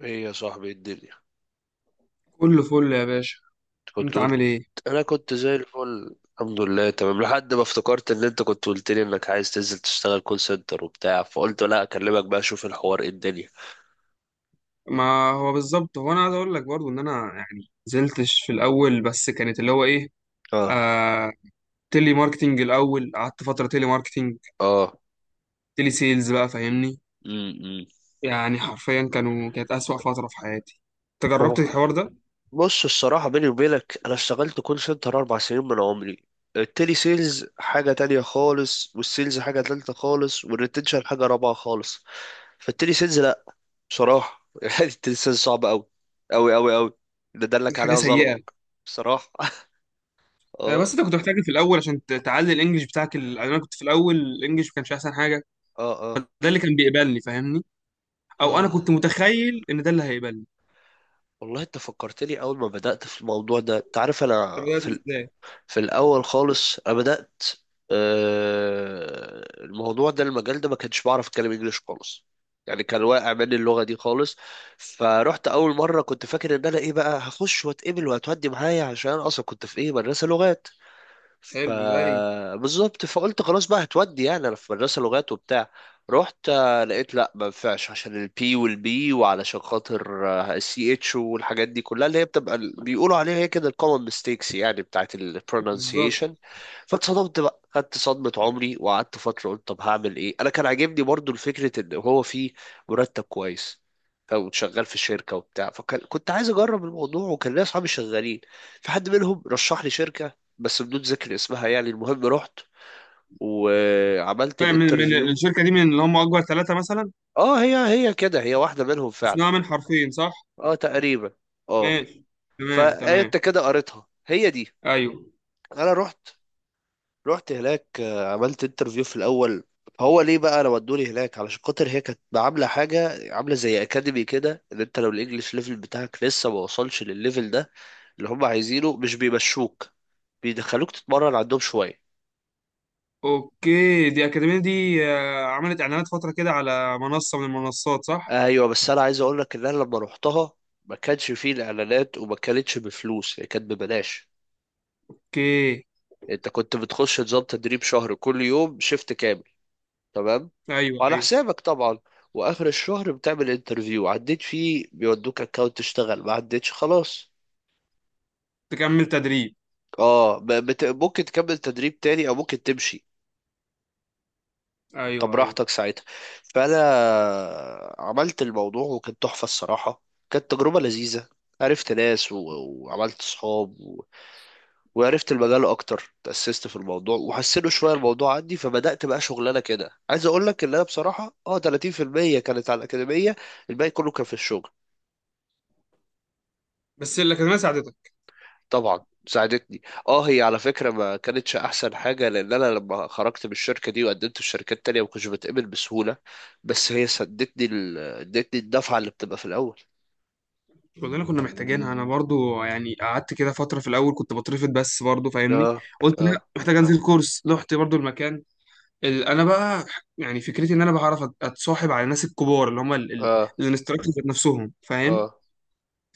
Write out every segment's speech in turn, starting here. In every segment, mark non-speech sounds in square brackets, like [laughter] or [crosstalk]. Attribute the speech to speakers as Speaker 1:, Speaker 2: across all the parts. Speaker 1: ايه يا صاحبي؟ إيه الدنيا؟
Speaker 2: كله فل يا باشا.
Speaker 1: كنت
Speaker 2: انت
Speaker 1: قلت.
Speaker 2: عامل ايه؟
Speaker 1: انا كنت زي الفل الحمد لله، تمام لحد ما افتكرت ان انت كنت قلت لي انك عايز تنزل تشتغل كول سنتر وبتاع، فقلت لا اكلمك بقى اشوف الحوار ايه الدنيا.
Speaker 2: ما هو بالظبط، هو انا عايز اقول لك برضو ان انا يعني نزلتش في الاول، بس كانت اللي هو ايه،
Speaker 1: اه.
Speaker 2: آه، تيلي ماركتينج. الاول قعدت فتره تيلي ماركتينج،
Speaker 1: اه.
Speaker 2: تيلي سيلز بقى، فاهمني.
Speaker 1: امم.
Speaker 2: يعني حرفيا كانت اسوأ فتره في حياتي. انت جربت
Speaker 1: آه.
Speaker 2: الحوار ده؟
Speaker 1: بص، الصراحة بيني وبينك انا اشتغلت كول سنتر اربع سنين من عمري. التيلي سيلز حاجة تانية خالص، والسيلز حاجة تالتة خالص، والريتنشن حاجة رابعة خالص. فالتيلي سيلز لا، بصراحة [laughs] يعني التيلي سيلز صعب اوي اوي اوي اوي. اللي
Speaker 2: دي
Speaker 1: دلك
Speaker 2: حاجه
Speaker 1: عليها ظلمة،
Speaker 2: سيئه.
Speaker 1: بصراحة [laughs]
Speaker 2: آه، بس
Speaker 1: اه.
Speaker 2: انت كنت محتاج في الاول عشان تعلي الانجليش بتاعك. يعني انا كنت في الاول الانجليش ما كانش احسن حاجه.
Speaker 1: اه.
Speaker 2: فده
Speaker 1: اه.
Speaker 2: اللي كان بيقبلني، فاهمني، او انا
Speaker 1: اه.
Speaker 2: كنت متخيل ان ده اللي هيقبلني.
Speaker 1: والله انت فكرتني اول ما بدأت في الموضوع ده. انت عارف
Speaker 2: طب
Speaker 1: انا
Speaker 2: بدات
Speaker 1: في ال...
Speaker 2: ازاي؟
Speaker 1: في الاول خالص انا بدأت. الموضوع ده، المجال ده، ما كنتش بعرف اتكلم انجليش خالص، يعني كان واقع مني اللغة دي خالص. فرحت اول مرة، كنت فاكر ان انا ايه بقى هخش واتقبل وهتودي معايا، عشان اصلا كنت في ايه مدرسة لغات.
Speaker 2: حلو، زي
Speaker 1: فبالظبط فقلت خلاص بقى هتودي، يعني انا في مدرسه لغات وبتاع. رحت، لقيت لا ما ينفعش عشان البي والبي وعلشان خاطر السي اتش والحاجات دي كلها، اللي هي بتبقى بيقولوا عليها هي كده الكومن ميستيكس، يعني بتاعت
Speaker 2: بالظبط.
Speaker 1: البرونانسيشن. فاتصدمت بقى، خدت صدمه عمري وقعدت فتره قلت طب هعمل ايه. انا كان عاجبني برضو الفكره ان هو في مرتب كويس او شغال في شركه وبتاع، فكنت عايز اجرب الموضوع، وكان ليا اصحابي شغالين، في حد منهم رشح لي شركه بس بدون ذكر اسمها. يعني المهم رحت وعملت
Speaker 2: طيب، من من
Speaker 1: الانترفيو.
Speaker 2: الشركة دي، من اللي هم أكبر ثلاثة مثلا؟
Speaker 1: اه، هي هي كده، هي واحدة منهم فعلا.
Speaker 2: اسمها من حرفين صح؟
Speaker 1: اه تقريبا. اه.
Speaker 2: ماشي، تمام تمام.
Speaker 1: فانت كده قريتها، هي دي.
Speaker 2: أيوه.
Speaker 1: انا رحت هناك، عملت انترفيو في الاول. هو ليه بقى انا ودوني هناك؟ علشان خاطر هي كانت عامله حاجه، عامله زي اكاديمي كده، ان انت لو الانجليش ليفل بتاعك لسه ما وصلش للليفل ده اللي هم عايزينه، مش بيمشوك، بيدخلوك تتمرن عندهم شويه.
Speaker 2: أوكي، دي أكاديمية دي، عملت إعلانات فترة كده على منصة من المنصات صح؟
Speaker 1: ايوه، بس انا عايز اقول لك ان انا لما روحتها ما كانش فيه الاعلانات، وما كانتش بفلوس، هي كانت ببلاش.
Speaker 2: أوكي.
Speaker 1: انت كنت بتخش نظام تدريب شهر، كل يوم شيفت كامل. تمام.
Speaker 2: أيوه
Speaker 1: وعلى
Speaker 2: أيوه.
Speaker 1: حسابك طبعا. واخر الشهر بتعمل انترفيو، عديت فيه بيودوك اكونت تشتغل، ما عدتش خلاص.
Speaker 2: تكمل تدريب؟
Speaker 1: ممكن تكمل تدريب تاني او ممكن تمشي. انت
Speaker 2: أيوه أيوه.
Speaker 1: براحتك ساعتها. فانا عملت الموضوع، وكانت تحفة الصراحة، كانت تجربة لذيذة. عرفت ناس وعملت صحاب، وعرفت المجال اكتر، تأسست في الموضوع وحسنوا شويه الموضوع عندي. فبدأت بقى شغلانه كده. عايز اقول لك ان انا بصراحه، 30% كانت على الاكاديميه، الباقي كله كان في الشغل.
Speaker 2: بس الأكاديمية ساعدتك؟
Speaker 1: طبعا ساعدتني. اه، هي على فكره ما كانتش احسن حاجه، لان انا لما خرجت من الشركه دي وقدمت في شركات تانية ما كنتش بتقبل بسهوله، بس هي سدتني ادتني الدفعه اللي بتبقى في الاول.
Speaker 2: كلنا كنا محتاجينها. أنا برضو يعني قعدت كده فترة، في الأول كنت بترفض، بس برضو فاهمني.
Speaker 1: اه.
Speaker 2: قلت
Speaker 1: اه.
Speaker 2: لا، محتاج أنزل كورس، رحت برضو المكان. انا بقى يعني فكرتي ان انا بعرف اتصاحب على الناس الكبار اللي هم
Speaker 1: اه.
Speaker 2: الانستراكتورز نفسهم، فاهم.
Speaker 1: اه.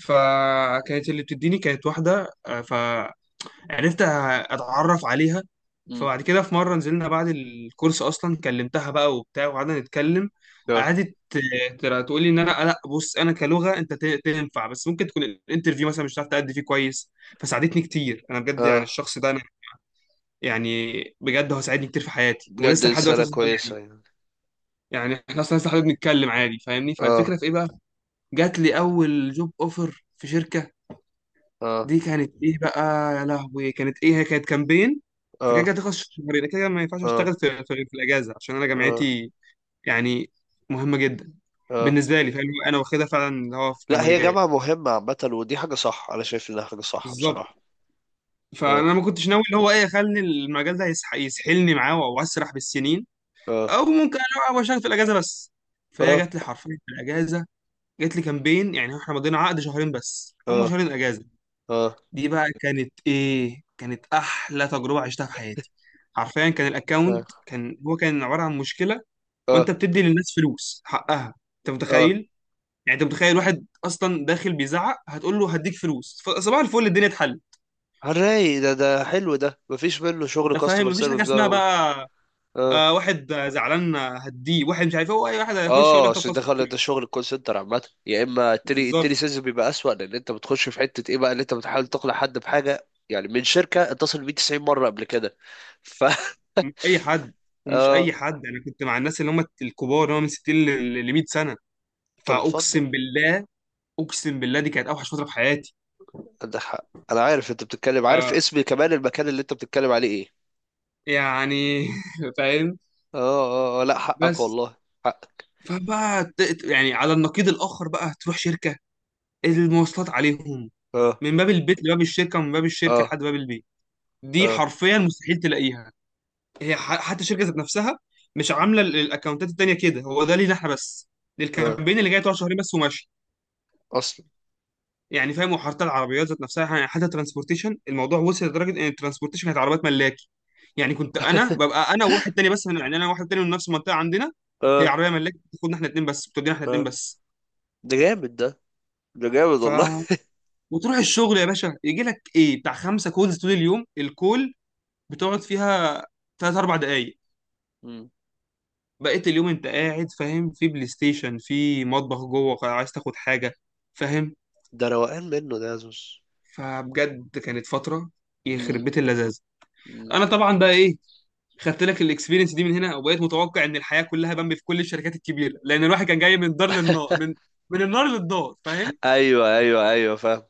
Speaker 2: فكانت اللي بتديني كانت واحده، فعرفت أ- اتعرف عليها.
Speaker 1: مم.
Speaker 2: فبعد كده في مره نزلنا بعد الكورس اصلا، كلمتها بقى وبتاع وقعدنا نتكلم.
Speaker 1: اه.
Speaker 2: قعدت ترى تقول لي ان انا لا، بص انا كلغه انت تنفع، بس ممكن تكون الانترفيو مثلا مش هتعرف تأدي فيه كويس. فساعدتني كتير انا بجد، يعني
Speaker 1: اه
Speaker 2: الشخص ده انا يعني بجد هو ساعدني كتير في حياتي،
Speaker 1: بجد،
Speaker 2: ولسه لحد دلوقتي
Speaker 1: انسانه
Speaker 2: أصلاً
Speaker 1: كويسه
Speaker 2: يعني.
Speaker 1: يعني.
Speaker 2: يعني احنا اصلا لسه حابب نتكلم عادي، فاهمني، فالفكره
Speaker 1: اه.
Speaker 2: في ايه بقى؟ جات لي اول جوب اوفر في شركه.
Speaker 1: اه.
Speaker 2: دي كانت ايه بقى؟ يا لهوي كانت ايه، هي كانت كامبين. فكده كده
Speaker 1: اه.
Speaker 2: تخلص في شهرين، كده كده ما ينفعش اشتغل
Speaker 1: اه.
Speaker 2: في الاجازه عشان انا
Speaker 1: اه.
Speaker 2: جامعتي يعني مهمه جدا
Speaker 1: اه.
Speaker 2: بالنسبه لي، فاهم، انا واخدها فعلا اللي هو
Speaker 1: لا، هي
Speaker 2: كمجال
Speaker 1: جامعة مهمة عامة، ودي حاجة صح. أنا شايف إنها حاجة صح
Speaker 2: بالظبط.
Speaker 1: بصراحة. اه.
Speaker 2: فانا ما كنتش ناوي اللي هو ايه، خلني المجال ده يسحلني معاه واسرح بالسنين،
Speaker 1: اه.
Speaker 2: او ممكن انا اشتغل في الاجازه بس. فهي
Speaker 1: اه.
Speaker 2: جات لي حرفيا في الاجازه، جات لي كامبين، يعني احنا مضينا عقد شهرين بس، هم
Speaker 1: اه.
Speaker 2: شهرين اجازه.
Speaker 1: اه.
Speaker 2: دي بقى كانت ايه، كانت احلى تجربه عشتها في حياتي. حرفيا كان
Speaker 1: اه.
Speaker 2: الاكونت كان هو كان عباره عن مشكله. وانت
Speaker 1: اه.
Speaker 2: بتدي للناس فلوس حقها، انت
Speaker 1: اه.
Speaker 2: متخيل؟ يعني انت متخيل واحد اصلا داخل بيزعق هتقول له هديك فلوس، فصباح الفل الدنيا اتحل.
Speaker 1: هنلاقي ده حلو، ده مفيش منه شغل
Speaker 2: ده فاهم،
Speaker 1: كاستمر
Speaker 2: مفيش حاجه
Speaker 1: سيرفيس
Speaker 2: اسمها
Speaker 1: ده
Speaker 2: بقى.
Speaker 1: اه.
Speaker 2: آه، واحد زعلان هديه، واحد مش عارف إيه، هو اي واحد هيخش يقول
Speaker 1: اه
Speaker 2: لك طب
Speaker 1: عشان ده،
Speaker 2: خلاص،
Speaker 1: خلي ده، شغل الكول سنتر عامة يا إما التلي
Speaker 2: بالظبط.
Speaker 1: سيلز بيبقى أسوأ، لأن أنت بتخش في حتة إيه بقى، اللي أنت بتحاول تقنع حد بحاجة يعني من شركة اتصل بيه 90 مرة قبل كده [laughs] ف
Speaker 2: مش اي حد، ومش
Speaker 1: اه
Speaker 2: اي حد، انا كنت مع الناس اللي هم الكبار اللي هم من 60 ل 100 سنه.
Speaker 1: طب اتفضل.
Speaker 2: فاقسم بالله، اقسم بالله دي كانت اوحش فتره في حياتي.
Speaker 1: عندك حق. أنا عارف أنت بتتكلم،
Speaker 2: ف
Speaker 1: عارف اسم كمان المكان اللي أنت بتتكلم عليه إيه.
Speaker 2: يعني [laughs] فاهم،
Speaker 1: اه. لا حقك
Speaker 2: بس.
Speaker 1: والله. حقك.
Speaker 2: فبقى يعني، على النقيض الاخر بقى، تروح شركه، المواصلات عليهم.
Speaker 1: اه.
Speaker 2: من باب البيت لباب الشركه، ومن باب الشركه
Speaker 1: اه.
Speaker 2: لحد باب البيت، دي
Speaker 1: اه.
Speaker 2: حرفيا مستحيل تلاقيها. هي حتى الشركه ذات نفسها مش عامله الاكونتات التانيه كده، هو ده لينا احنا بس،
Speaker 1: اه
Speaker 2: للكامبين اللي جاي تقعد شهرين بس وماشي،
Speaker 1: اصلا.
Speaker 2: يعني فاهم. وحتى العربيات ذات نفسها يعني، حتى ترانسبورتيشن الموضوع وصل لدرجه ان الترانسبورتيشن كانت عربيات ملاكي، يعني كنت انا ببقى انا وواحد تاني بس يعني، انا واحد تاني من نفس المنطقه عندنا، هي
Speaker 1: اه.
Speaker 2: عربيه ملاكي بتاخدنا احنا اتنين بس، بتودينا احنا
Speaker 1: اه
Speaker 2: اتنين بس.
Speaker 1: ده جامد ده، ده جامد
Speaker 2: ف
Speaker 1: والله [laughs]
Speaker 2: وتروح الشغل يا باشا، يجي لك ايه بتاع خمسه كولز طول اليوم، الكول بتقعد فيها ثلاث اربع دقائق.
Speaker 1: مم.
Speaker 2: بقيت اليوم انت قاعد فاهم في بلاي ستيشن، في مطبخ جوه، عايز تاخد حاجه، فاهم.
Speaker 1: ده روقان منه ده، يا زوز.
Speaker 2: فبجد كانت فتره، يخرب
Speaker 1: مم.
Speaker 2: بيت اللذاذه.
Speaker 1: مم.
Speaker 2: انا طبعا بقى ايه، خدت لك الاكسبيرينس دي من هنا، وبقيت متوقع ان الحياه كلها بامبي في كل الشركات الكبيره، لان الواحد كان جاي من دار للنار، من النار للدار، فاهم.
Speaker 1: ايوه ايوه ايوه فاهم.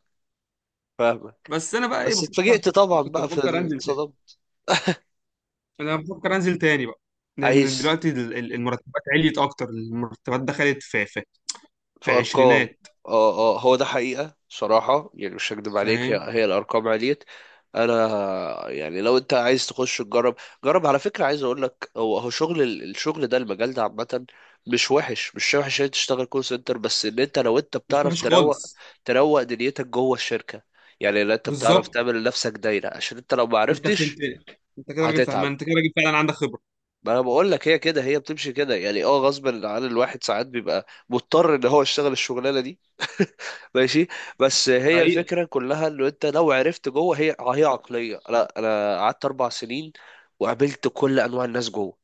Speaker 1: فاهمك.
Speaker 2: بس انا بقى ايه
Speaker 1: بس
Speaker 2: بفكر،
Speaker 1: اتفاجئت طبعا
Speaker 2: كنت
Speaker 1: بقى في
Speaker 2: بفكر انزل تاني،
Speaker 1: الاتصالات.
Speaker 2: انا بفكر انزل تاني بقى، لان
Speaker 1: عايز.
Speaker 2: دلوقتي المرتبات عليت اكتر، المرتبات دخلت في في
Speaker 1: في
Speaker 2: في
Speaker 1: ارقام.
Speaker 2: عشرينات،
Speaker 1: اه. اه هو ده حقيقة، صراحة يعني مش هكدب عليك، هي,
Speaker 2: فاهم.
Speaker 1: هي الارقام عليت. انا يعني لو انت عايز تخش تجرب، جرب على فكرة. عايز اقول لك، هو هو شغل الشغل ده، المجال ده عامة، مش وحش، مش وحش ان انت تشتغل كول سنتر، بس ان انت لو انت
Speaker 2: مش
Speaker 1: بتعرف
Speaker 2: وحش
Speaker 1: تروق،
Speaker 2: خالص،
Speaker 1: تروق دنيتك جوه الشركة، يعني لو انت بتعرف
Speaker 2: بالظبط،
Speaker 1: تعمل لنفسك دايرة، عشان انت لو ما
Speaker 2: انت
Speaker 1: عرفتش
Speaker 2: فهمتني. انت كده راجل فهمان،
Speaker 1: هتتعب.
Speaker 2: انت كده راجل فعلا عندك خبره،
Speaker 1: ما انا بقول لك، هي كده، هي بتمشي كده يعني، غصب عن الواحد ساعات بيبقى مضطر ان هو يشتغل الشغلانه دي [laughs] ماشي. بس هي
Speaker 2: حقيقي.
Speaker 1: الفكره كلها انه انت لو عرفت جوه، هي عقليه. لا، انا قعدت اربع سنين وقابلت كل انواع الناس جوه.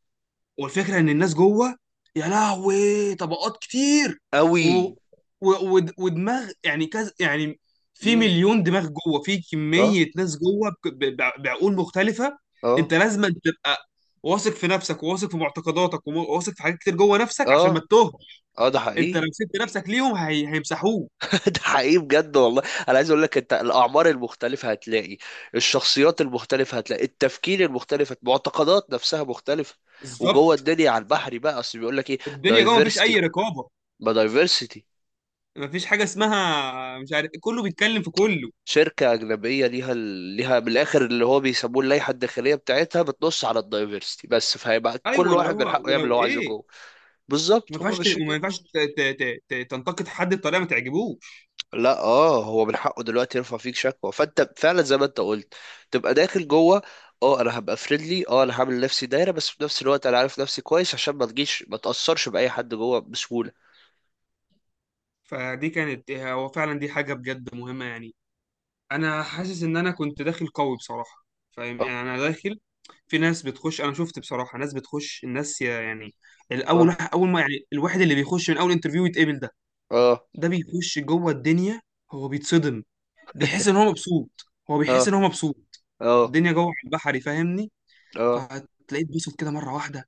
Speaker 2: والفكره ان الناس جوه يا لهوي طبقات كتير. و... و...
Speaker 1: قوي.
Speaker 2: ودماغ يعني كذا يعني، في
Speaker 1: امم.
Speaker 2: مليون دماغ جوه، في
Speaker 1: اه.
Speaker 2: كميه ناس جوه بعقول مختلفه.
Speaker 1: اه.
Speaker 2: انت لازم تبقى واثق في نفسك، وواثق في معتقداتك، وواثق في حاجات كتير جوه نفسك عشان ما
Speaker 1: اه.
Speaker 2: تتوه.
Speaker 1: اه ده
Speaker 2: انت لو
Speaker 1: حقيقي
Speaker 2: سبت نفسك ليهم، هيمسحوك.
Speaker 1: [laughs] ده حقيقي بجد والله. انا عايز اقول لك، انت الاعمار المختلفه هتلاقي، الشخصيات المختلفه هتلاقي، التفكير المختلف، المعتقدات نفسها مختلفه. وجوه
Speaker 2: بالظبط،
Speaker 1: الدنيا على البحر بقى، اصل بيقول لك ايه،
Speaker 2: الدنيا جوه مفيش
Speaker 1: دايفرسيتي،
Speaker 2: اي رقابه،
Speaker 1: ما دايفرسيتي.
Speaker 2: مفيش حاجه اسمها مش عارف، كله بيتكلم في كله.
Speaker 1: شركه اجنبيه ليها ليها من الاخر اللي هو بيسموه اللائحه الداخليه بتاعتها، بتنص على الدايفرسيتي بس، فهيبقى كل
Speaker 2: ايوه اللي
Speaker 1: واحد من
Speaker 2: هو،
Speaker 1: حقه يعمل اللي
Speaker 2: ولو
Speaker 1: هو عايزه
Speaker 2: ايه،
Speaker 1: جوه.
Speaker 2: ما
Speaker 1: بالظبط، هما
Speaker 2: ينفعش
Speaker 1: مش
Speaker 2: وما
Speaker 1: كده.
Speaker 2: ينفعش تنتقد حد بطريقه ما تعجبوش.
Speaker 1: لا، هو من حقه دلوقتي يرفع فيك شكوى. فانت فعلا زي ما انت قلت، تبقى داخل جوه، اه انا هبقى فريندلي، انا هعمل لنفسي دايره، بس في نفس الوقت انا عارف نفسي كويس عشان ما تجيش، ما تاثرش باي حد جوه بسهوله.
Speaker 2: فدي كانت هو فعلا، دي حاجه بجد مهمه يعني، انا حاسس ان انا كنت داخل قوي بصراحه، فاهم يعني انا داخل. في ناس بتخش، انا شفت بصراحه ناس بتخش الناس يعني، الاول
Speaker 1: اه.
Speaker 2: واحد اول ما يعني الواحد اللي بيخش من اول انترفيو يتقبل ده،
Speaker 1: اه.
Speaker 2: ده بيخش جوه الدنيا، هو بيتصدم، بيحس ان هو مبسوط، هو
Speaker 1: اه.
Speaker 2: بيحس ان هو مبسوط.
Speaker 1: اه. اه.
Speaker 2: الدنيا جوه على البحري، فاهمني،
Speaker 1: اه.
Speaker 2: فهتلاقيه اتبسط كده مره واحده،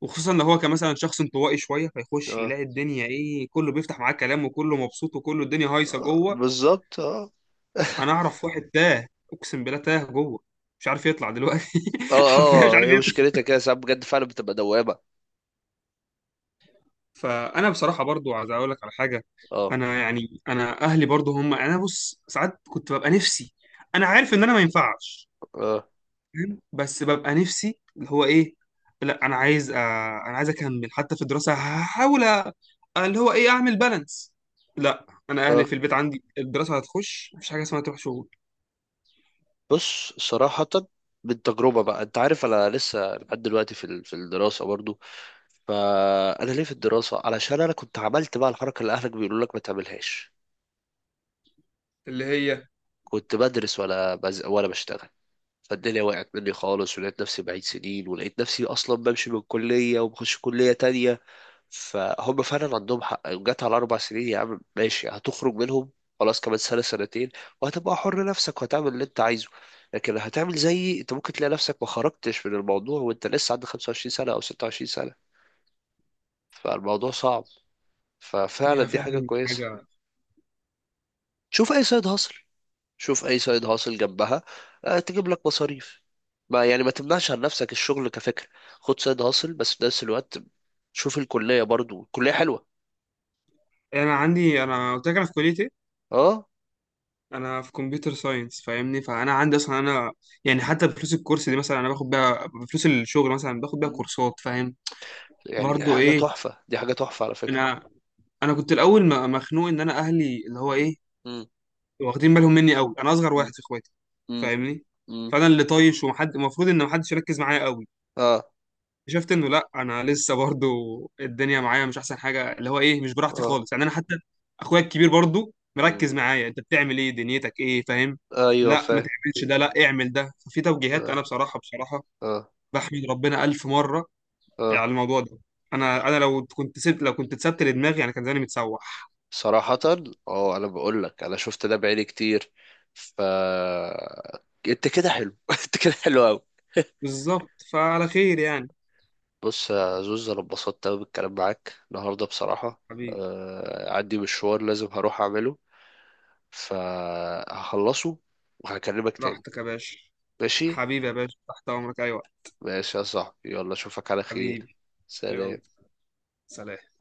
Speaker 2: وخصوصا لو هو كان مثلا شخص انطوائي شويه، فيخش
Speaker 1: اه.
Speaker 2: يلاقي الدنيا ايه، كله بيفتح معاه كلام، وكله مبسوط، وكله الدنيا هايصه
Speaker 1: آه.
Speaker 2: جوه.
Speaker 1: بالظبط. اه [laughs]
Speaker 2: انا اعرف واحد تاه، اقسم بالله تاه جوه، مش عارف يطلع دلوقتي، [laughs] حرفيا مش
Speaker 1: اه. اه
Speaker 2: عارف
Speaker 1: هي
Speaker 2: يطلع.
Speaker 1: مشكلتها كده ساعات بجد، فعلا بتبقى دوامه.
Speaker 2: فانا بصراحه برضو عايز اقول لك على حاجه،
Speaker 1: اه.
Speaker 2: انا يعني انا اهلي برضو هم، انا بص ساعات كنت ببقى نفسي، انا عارف ان انا ما ينفعش،
Speaker 1: اه.
Speaker 2: فاهم، بس ببقى نفسي اللي هو ايه، لا انا عايز، انا عايز اكمل حتى في الدراسه، هحاول اللي هو ايه اعمل بالانس. لا، انا اهلي
Speaker 1: اه.
Speaker 2: في البيت عندي الدراسه هتخش، مفيش حاجه اسمها تروح شغل.
Speaker 1: بص صراحه، من تجربه بقى، انت عارف انا لسه لحد دلوقتي في في الدراسه برضو. فانا ليه في الدراسه؟ علشان انا كنت عملت بقى الحركه اللي اهلك بيقولوا لك ما تعملهاش،
Speaker 2: اللي هي،
Speaker 1: كنت بدرس ولا بشتغل، فالدنيا وقعت مني خالص ولقيت نفسي بعيد سنين، ولقيت نفسي اصلا بمشي من كليه وبخش كليه تانية. فهم فعلا عندهم حق، جت على اربع سنين يا عم، ماشي هتخرج منهم، خلاص كمان سنه سنتين وهتبقى حر نفسك وهتعمل اللي انت عايزه. لكن هتعمل زيي، انت ممكن تلاقي نفسك ما خرجتش من الموضوع وانت لسه عندك 25 سنه او 26 سنه، فالموضوع صعب. ففعلا
Speaker 2: هي
Speaker 1: دي حاجه
Speaker 2: فعلا
Speaker 1: كويسه.
Speaker 2: حاجه.
Speaker 1: شوف اي سايد هاسل، شوف اي سايد هاسل جنبها تجيب لك مصاريف. ما يعني ما تمنعش عن نفسك الشغل كفكرة، خد سايد هاسل بس في نفس الوقت شوف الكلية، برضو الكلية حلوة.
Speaker 2: انا عندي، انا قلت لك انا في كليه ايه،
Speaker 1: اه.
Speaker 2: انا في كمبيوتر ساينس، فاهمني، فانا عندي اصلا انا يعني حتى بفلوس الكورس دي مثلا، انا باخد بيها بفلوس الشغل مثلا باخد بيها
Speaker 1: مم.
Speaker 2: كورسات، فاهم.
Speaker 1: يعني
Speaker 2: برضو
Speaker 1: حاجة
Speaker 2: ايه،
Speaker 1: تحفة، دي حاجة تحفة على فكرة.
Speaker 2: انا انا كنت الاول مخنوق ان انا اهلي اللي هو
Speaker 1: مم.
Speaker 2: ايه
Speaker 1: مم.
Speaker 2: واخدين بالهم مني قوي. انا اصغر
Speaker 1: مم.
Speaker 2: واحد في اخواتي،
Speaker 1: مم.
Speaker 2: فاهمني،
Speaker 1: مم.
Speaker 2: فانا اللي طايش ومحد المفروض ان محدش يركز معايا قوي.
Speaker 1: اه.
Speaker 2: اكتشفت انه لا، انا لسه برضو الدنيا معايا مش احسن حاجه، اللي هو ايه مش براحتي
Speaker 1: اه.
Speaker 2: خالص يعني، انا حتى اخويا الكبير برضو
Speaker 1: مم.
Speaker 2: مركز معايا، انت بتعمل ايه، دنيتك ايه، فاهم.
Speaker 1: ايوه
Speaker 2: لا ما
Speaker 1: فاهم.
Speaker 2: تعملش ده، لا اعمل ده، ففي توجيهات،
Speaker 1: اه.
Speaker 2: انا بصراحه بصراحه
Speaker 1: اه.
Speaker 2: بحمد ربنا الف مره على
Speaker 1: اه
Speaker 2: الموضوع ده. انا لو كنت سبت، لو كنت اتسبت لدماغي يعني كان زماني متسوح.
Speaker 1: صراحة. اه انا بقول لك، انا شفت ده بعيني كتير. ف انت كده حلو [laughs] انت كده حلو قوي.
Speaker 2: بالظبط، فعلى خير يعني.
Speaker 1: بص يا زوز، انا اتبسطت قوي بالكلام معاك النهارده بصراحه.
Speaker 2: حبيبي.
Speaker 1: عندي مشوار لازم هروح اعمله، فهخلصه وهكلمك تاني.
Speaker 2: راحتك يا باشا.
Speaker 1: ماشي.
Speaker 2: حبيبي يا باشا، تحت امرك اي وقت.
Speaker 1: ماشي يا صاحبي، يلا اشوفك على خير.
Speaker 2: حبيبي. يلا.
Speaker 1: سلام.
Speaker 2: سلام.